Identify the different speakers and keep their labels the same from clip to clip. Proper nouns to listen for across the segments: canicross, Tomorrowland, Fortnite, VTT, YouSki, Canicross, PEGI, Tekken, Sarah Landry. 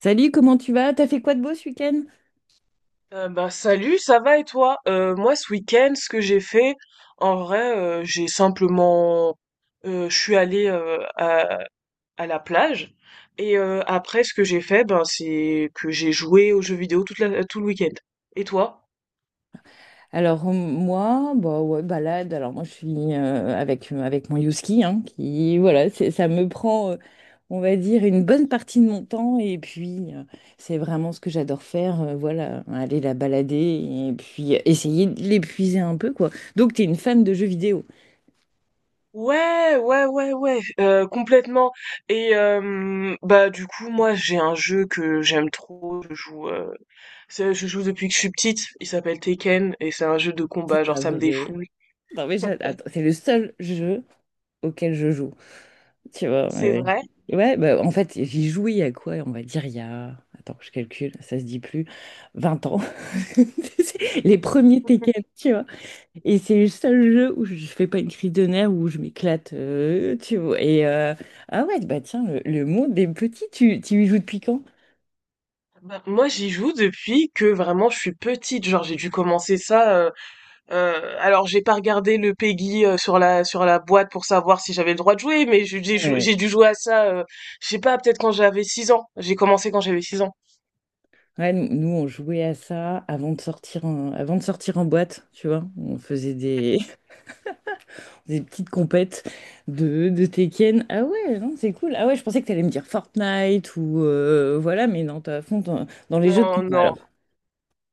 Speaker 1: Salut, comment tu vas? T'as fait quoi de beau ce week-end?
Speaker 2: Bah salut, ça va et toi? Moi ce week-end, ce que j'ai fait, en vrai, j'ai simplement, je suis allée à la plage et après ce que j'ai fait, ben c'est que j'ai joué aux jeux vidéo tout le week-end. Et toi?
Speaker 1: Alors moi, bah ouais, balade. Alors moi, je suis avec avec mon Youski, hein, qui voilà, ça me prend, on va dire, une bonne partie de mon temps. Et puis, c'est vraiment ce que j'adore faire. Voilà, aller la balader et puis essayer de l'épuiser un peu, quoi. Donc, t'es une fan de jeux vidéo?
Speaker 2: Ouais, ouais, ouais, ouais, complètement. Et bah du coup, moi j'ai un jeu que j'aime trop. Je joue, je joue depuis que je suis petite. Il s'appelle Tekken et c'est un jeu de combat.
Speaker 1: C'est
Speaker 2: Genre
Speaker 1: pas
Speaker 2: ça me
Speaker 1: vrai.
Speaker 2: défoule.
Speaker 1: Non mais attends, c'est le seul jeu auquel je joue. Tu vois,
Speaker 2: C'est vrai?
Speaker 1: ouais, bah, en fait, j'y jouais il y a quoi? On va dire il y a, attends, je calcule, ça se dit plus, 20 ans. Les premiers Tekken, tu vois. Et c'est le seul jeu où je fais pas une crise de nerfs, où je m'éclate, tu vois. Et ah ouais, bah tiens, le monde des petits, tu y joues depuis quand?
Speaker 2: Bah, moi, j'y joue depuis que vraiment je suis petite. Genre, j'ai dû commencer ça. Alors, j'ai pas regardé le PEGI sur la boîte pour savoir si j'avais le droit de jouer, mais
Speaker 1: Ouais.
Speaker 2: j'ai dû jouer à ça. Je sais pas, peut-être quand j'avais 6 ans. J'ai commencé quand j'avais 6 ans.
Speaker 1: Ouais, nous, on jouait à ça avant de sortir en, avant de sortir en boîte, tu vois. On faisait des petites compètes de Tekken. Ah ouais, non, c'est cool. Ah ouais, je pensais que t'allais me dire Fortnite ou voilà, mais non, t'as à fond dans, dans les jeux de
Speaker 2: Non,
Speaker 1: combat
Speaker 2: non.
Speaker 1: alors.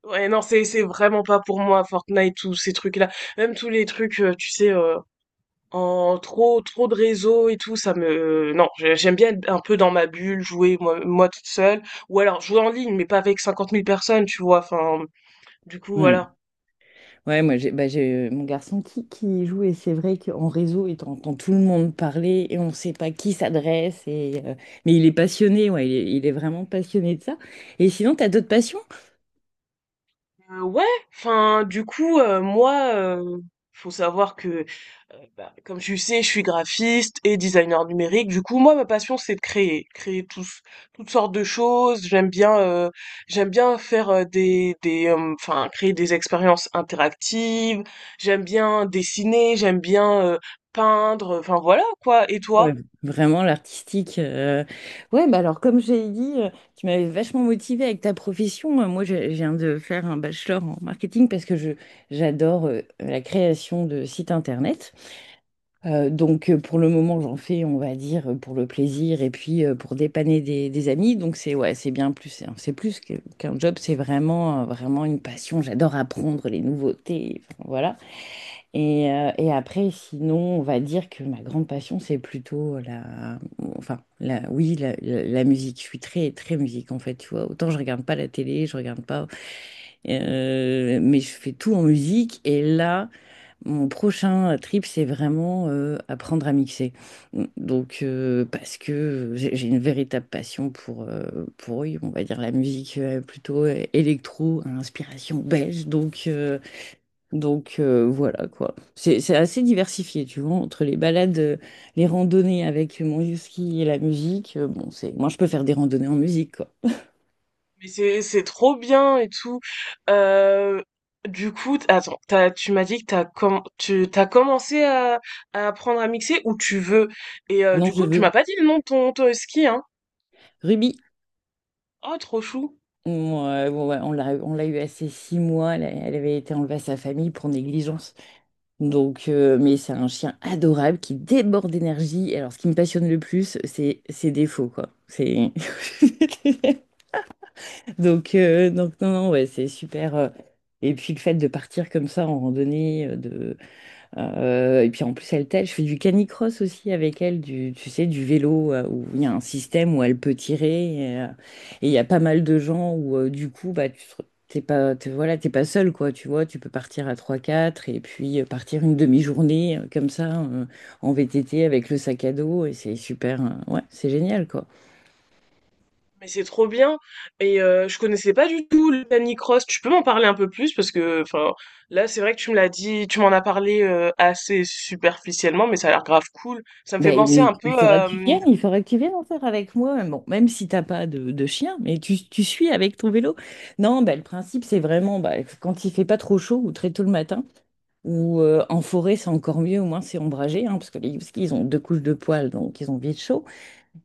Speaker 2: Ouais, non, c'est vraiment pas pour moi Fortnite, tous ces trucs-là. Même tous les trucs, tu sais. En trop trop de réseaux et tout, ça me non, j'aime bien être un peu dans ma bulle, jouer moi toute seule, ou alors jouer en ligne, mais pas avec 50 000 personnes, tu vois. Enfin, du coup
Speaker 1: Ouais,
Speaker 2: voilà.
Speaker 1: ouais, moi j'ai bah, j'ai mon garçon qui joue et c'est vrai qu'en réseau, et entend tout le monde parler et on ne sait pas qui s'adresse. Et, mais il est passionné, ouais, il est vraiment passionné de ça. Et sinon, t'as d'autres passions?
Speaker 2: Ouais, enfin, du coup, moi, faut savoir que, bah, comme tu sais, je suis graphiste et designer numérique. Du coup, moi, ma passion, c'est de créer, toutes sortes de choses. J'aime bien faire enfin, créer des expériences interactives. J'aime bien dessiner. J'aime bien peindre. Enfin, voilà quoi. Et
Speaker 1: Ouais,
Speaker 2: toi?
Speaker 1: vraiment l'artistique. Ouais, bah alors comme j'ai dit, tu m'avais vachement motivée avec ta profession. Moi, j'ai je viens de faire un bachelor en marketing parce que je j'adore la création de sites internet. Donc pour le moment, j'en fais, on va dire, pour le plaisir et puis pour dépanner des amis. Donc c'est ouais, c'est bien plus, c'est plus qu'un job, c'est vraiment vraiment une passion. J'adore apprendre les nouveautés. Enfin, voilà. Et après, sinon, on va dire que ma grande passion, c'est plutôt enfin, oui, la musique. Je suis très, très musique, en fait, tu vois. Autant je regarde pas la télé, je regarde pas. Mais je fais tout en musique. Et là, mon prochain trip, c'est vraiment apprendre à mixer. Donc, parce que j'ai une véritable passion pour, oui, on va dire, la musique plutôt électro, à inspiration belge. Donc voilà quoi. C'est assez diversifié, tu vois, entre les balades, les randonnées avec mon ski et la musique. Bon, c'est moi je peux faire des randonnées en musique quoi.
Speaker 2: Mais c'est trop bien et tout. Euh, du coup, attends, tu m'as dit que tu t'as commencé à apprendre à mixer où tu veux. Et
Speaker 1: Ah non,
Speaker 2: du
Speaker 1: je
Speaker 2: coup, tu
Speaker 1: veux.
Speaker 2: m'as pas dit le nom de ton ski, hein.
Speaker 1: Ruby,
Speaker 2: Oh, trop chou.
Speaker 1: moi, bon, ouais, on l'a eu assez 6 mois. Elle, elle avait été enlevée à sa famille pour négligence. Donc, mais c'est un chien adorable qui déborde d'énergie. Et alors, ce qui me passionne le plus, c'est ses défauts quoi. C'est donc, donc non, non, ouais, c'est super. Et puis le fait de partir comme ça en randonnée, et puis en plus elle t'aide. Je fais du canicross aussi avec elle, du, tu sais, du vélo où il y a un système où elle peut tirer. Et il y a pas mal de gens où du coup, bah, t'es pas, voilà, t'es pas seul, quoi. Tu vois, tu peux partir à 3, 4 et puis partir une demi-journée comme ça en VTT avec le sac à dos. Et c'est super. Ouais, c'est génial, quoi.
Speaker 2: Mais c'est trop bien. Et je connaissais pas du tout le Canicross. Tu peux m'en parler un peu plus parce que, enfin, là, c'est vrai que tu me l'as dit, tu m'en as parlé assez superficiellement, mais ça a l'air grave cool. Ça me fait
Speaker 1: Ben,
Speaker 2: penser
Speaker 1: mais
Speaker 2: un
Speaker 1: il
Speaker 2: peu,
Speaker 1: faudra que tu viennes, il faudra que tu viennes en faire avec moi. Bon, même si t'as pas de, de chien, mais tu suis avec ton vélo. Non, ben, le principe, c'est vraiment ben, quand il fait pas trop chaud ou très tôt le matin, ou en forêt, c'est encore mieux, au moins c'est ombragé, hein, parce que les huskies, ils ont 2 couches de poils, donc ils ont vite chaud.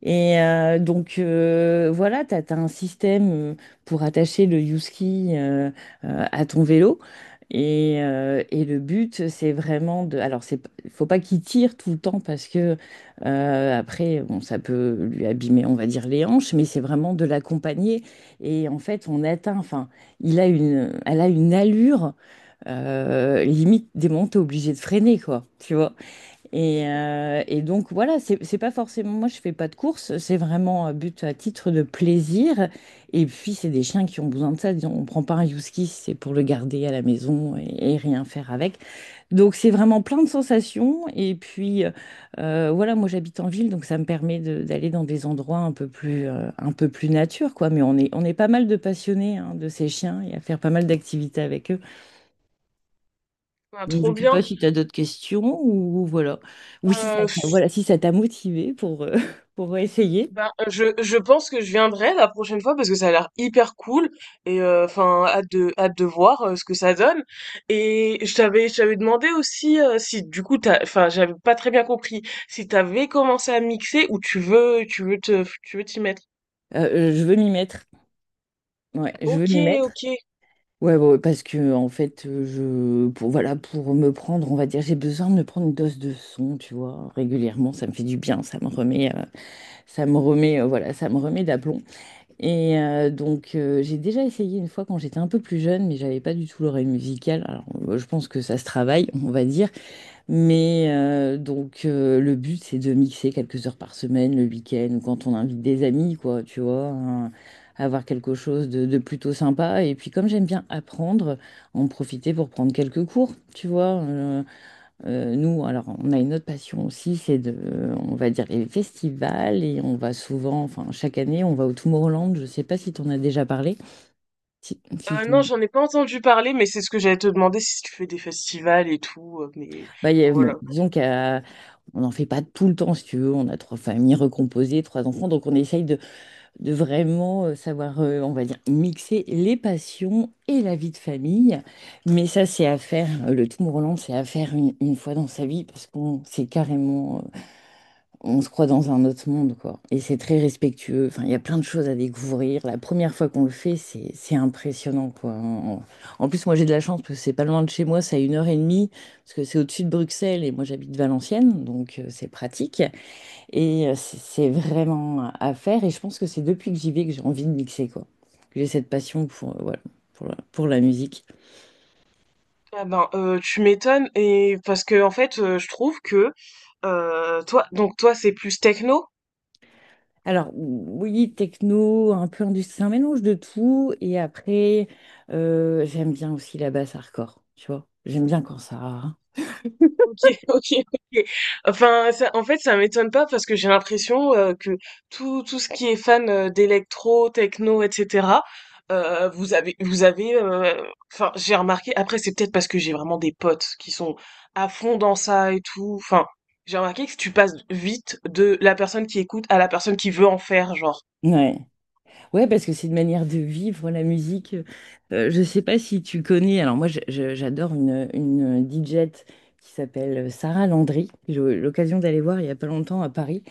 Speaker 1: Et donc voilà, tu as, un système pour attacher le YouSki à ton vélo. Et le but, c'est vraiment de... Alors, faut pas qu'il tire tout le temps parce que après, bon, ça peut lui abîmer, on va dire, les hanches, mais c'est vraiment de l'accompagner. Et en fait, on atteint, enfin, elle a une allure, limite, des moments, t'es obligé de freiner, quoi, tu vois. Et donc voilà, c'est pas forcément, moi je fais pas de course, c'est vraiment un but à titre de plaisir. Et puis c'est des chiens qui ont besoin de ça, disons, on prend pas un husky, c'est pour le garder à la maison et rien faire avec. Donc c'est vraiment plein de sensations. Et puis voilà, moi j'habite en ville, donc ça me permet d'aller dans des endroits un peu plus nature, quoi. Mais on est pas mal de passionnés hein, de ces chiens et à faire pas mal d'activités avec eux.
Speaker 2: à
Speaker 1: Donc, je
Speaker 2: trop
Speaker 1: ne sais pas
Speaker 2: bien.
Speaker 1: si tu as d'autres questions ou voilà. Ou si ça t'a voilà, si ça t'a motivé pour, pour essayer.
Speaker 2: Ben, je pense que je viendrai la prochaine fois parce que ça a l'air hyper cool et enfin hâte de voir ce que ça donne. Et je t'avais demandé aussi si du coup t'as enfin j'avais pas très bien compris si t'avais commencé à mixer ou tu veux t'y mettre.
Speaker 1: Je veux m'y mettre. Ouais, je veux
Speaker 2: Ok,
Speaker 1: m'y mettre.
Speaker 2: ok.
Speaker 1: Ouais, bon, parce que en fait, je pour voilà, pour me prendre, on va dire, j'ai besoin de me prendre une dose de son, tu vois, régulièrement, ça me fait du bien, ça me remet, voilà, ça me remet d'aplomb. Et donc, j'ai déjà essayé une fois quand j'étais un peu plus jeune, mais j'avais pas du tout l'oreille musicale. Alors, je pense que ça se travaille, on va dire. Mais donc le but c'est de mixer quelques heures par semaine, le week-end, ou quand on invite des amis, quoi, tu vois, hein, avoir quelque chose de plutôt sympa. Et puis comme j'aime bien apprendre, en profiter pour prendre quelques cours, tu vois. Nous, alors on a une autre passion aussi, c'est de, on va dire les festivals, et on va souvent, enfin chaque année, on va au Tomorrowland. Je sais pas si t'en as déjà parlé. Si, si.
Speaker 2: Non, j'en ai pas entendu parler mais c'est ce que j'allais te demander si tu fais des festivals et tout, mais
Speaker 1: Bah,
Speaker 2: enfin, voilà.
Speaker 1: bon, disons qu'on n'en fait pas tout le temps, si tu veux. On a 3 familles recomposées, 3 enfants. Donc, on essaye de vraiment savoir, on va dire, mixer les passions et la vie de famille. Mais ça, c'est à faire. Le tout mourlant, c'est à faire une fois dans sa vie parce qu'on c'est carrément on se croit dans un autre monde, quoi. Et c'est très respectueux. Enfin, il y a plein de choses à découvrir. La première fois qu'on le fait, c'est impressionnant, quoi. En, en plus, moi, j'ai de la chance parce que c'est pas loin de chez moi, c'est à une heure et demie, parce que c'est au-dessus de Bruxelles et moi, j'habite Valenciennes, donc c'est pratique. Et c'est vraiment à faire. Et je pense que c'est depuis que j'y vais que j'ai envie de mixer, quoi. Que j'ai cette passion pour, voilà, pour pour la musique.
Speaker 2: Ah ben tu m'étonnes et parce que en fait je trouve que toi donc toi c'est plus techno.
Speaker 1: Alors, oui, techno, un peu industrie, c'est un mélange de tout. Et après, j'aime bien aussi la basse hardcore, tu vois. J'aime bien quand ça.
Speaker 2: Ok, ok, ok. Enfin, ça, en fait, ça m'étonne pas parce que j'ai l'impression que tout ce qui est fan d'électro, techno, etc. Vous avez, enfin, j'ai remarqué. Après, c'est peut-être parce que j'ai vraiment des potes qui sont à fond dans ça et tout. Enfin, j'ai remarqué que tu passes vite de la personne qui écoute à la personne qui veut en faire, genre.
Speaker 1: Ouais. Ouais, parce que c'est une manière de vivre la musique. Je sais pas si tu connais. Alors, moi, j'adore une DJ qui s'appelle Sarah Landry. J'ai eu l'occasion d'aller voir il y a pas longtemps à Paris.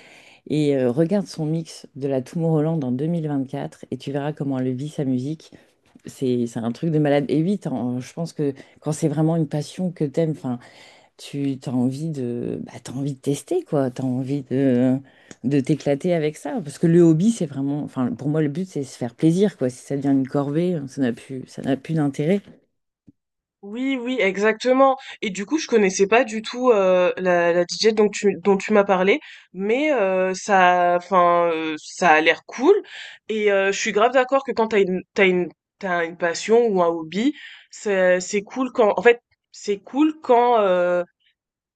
Speaker 1: Et regarde son mix de la Tomorrowland en 2024 et tu verras comment elle vit sa musique. C'est un truc de malade. Et oui, je pense que quand c'est vraiment une passion que t'aimes, enfin, tu as envie de, bah, t'as envie de tester, quoi. T'as envie de t'éclater avec ça. Parce que le hobby, c'est vraiment, enfin, pour moi, le but, c'est se faire plaisir, quoi. Si ça devient une corvée, hein, ça n'a plus d'intérêt.
Speaker 2: Oui, oui, exactement. Et du coup, je connaissais pas du tout la DJ dont tu m'as parlé, mais enfin, ça a l'air cool. Et je suis grave d'accord que quand t'as une passion ou un hobby, c'est cool quand, en fait, c'est cool quand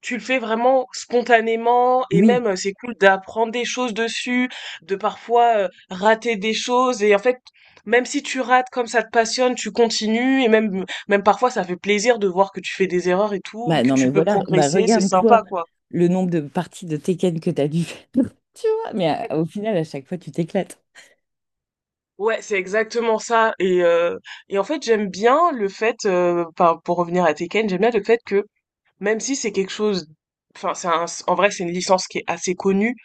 Speaker 2: tu le fais vraiment spontanément et
Speaker 1: Oui.
Speaker 2: même, c'est cool d'apprendre des choses dessus, de parfois, rater des choses et en fait, même si tu rates, comme ça te passionne, tu continues et même parfois ça fait plaisir de voir que tu fais des erreurs et tout et
Speaker 1: Bah,
Speaker 2: que
Speaker 1: non, mais
Speaker 2: tu peux, ouais,
Speaker 1: voilà, bah,
Speaker 2: progresser, c'est
Speaker 1: regarde-toi
Speaker 2: sympa, quoi.
Speaker 1: le nombre de parties de Tekken que t'as dû faire. Tu vois, mais au final, à chaque fois, tu t'éclates.
Speaker 2: Ouais, c'est exactement ça et en fait, j'aime bien le fait, enfin, pour revenir à Tekken, j'aime bien le fait que, même si c'est quelque chose, enfin, c'est un en vrai, c'est une licence qui est assez connue,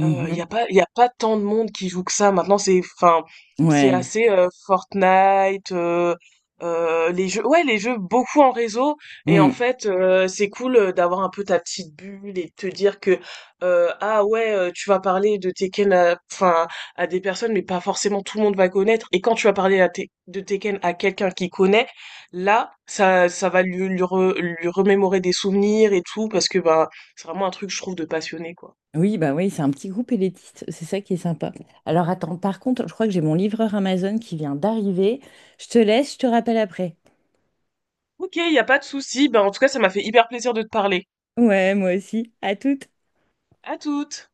Speaker 2: il y a pas tant de monde qui joue que ça. Maintenant, enfin, c'est
Speaker 1: Ouais.
Speaker 2: assez Fortnite, les jeux, ouais, les jeux beaucoup en réseau. Et en
Speaker 1: Mm.
Speaker 2: fait, c'est cool d'avoir un peu ta petite bulle et de te dire que, ah ouais, tu vas parler de Tekken, enfin, à des personnes, mais pas forcément tout le monde va connaître. Et quand tu vas parler de Tekken à quelqu'un qui connaît, là, ça va lui remémorer des souvenirs et tout, parce que, ben, c'est vraiment un truc, je trouve, de passionné, quoi.
Speaker 1: Oui, bah oui, c'est un petit groupe élitiste, c'est ça qui est sympa. Alors attends, par contre, je crois que j'ai mon livreur Amazon qui vient d'arriver. Je te laisse, je te rappelle après.
Speaker 2: Ok, il n'y a pas de souci. Ben, en tout cas, ça m'a fait hyper plaisir de te parler.
Speaker 1: Ouais, moi aussi. À toutes.
Speaker 2: À toutes!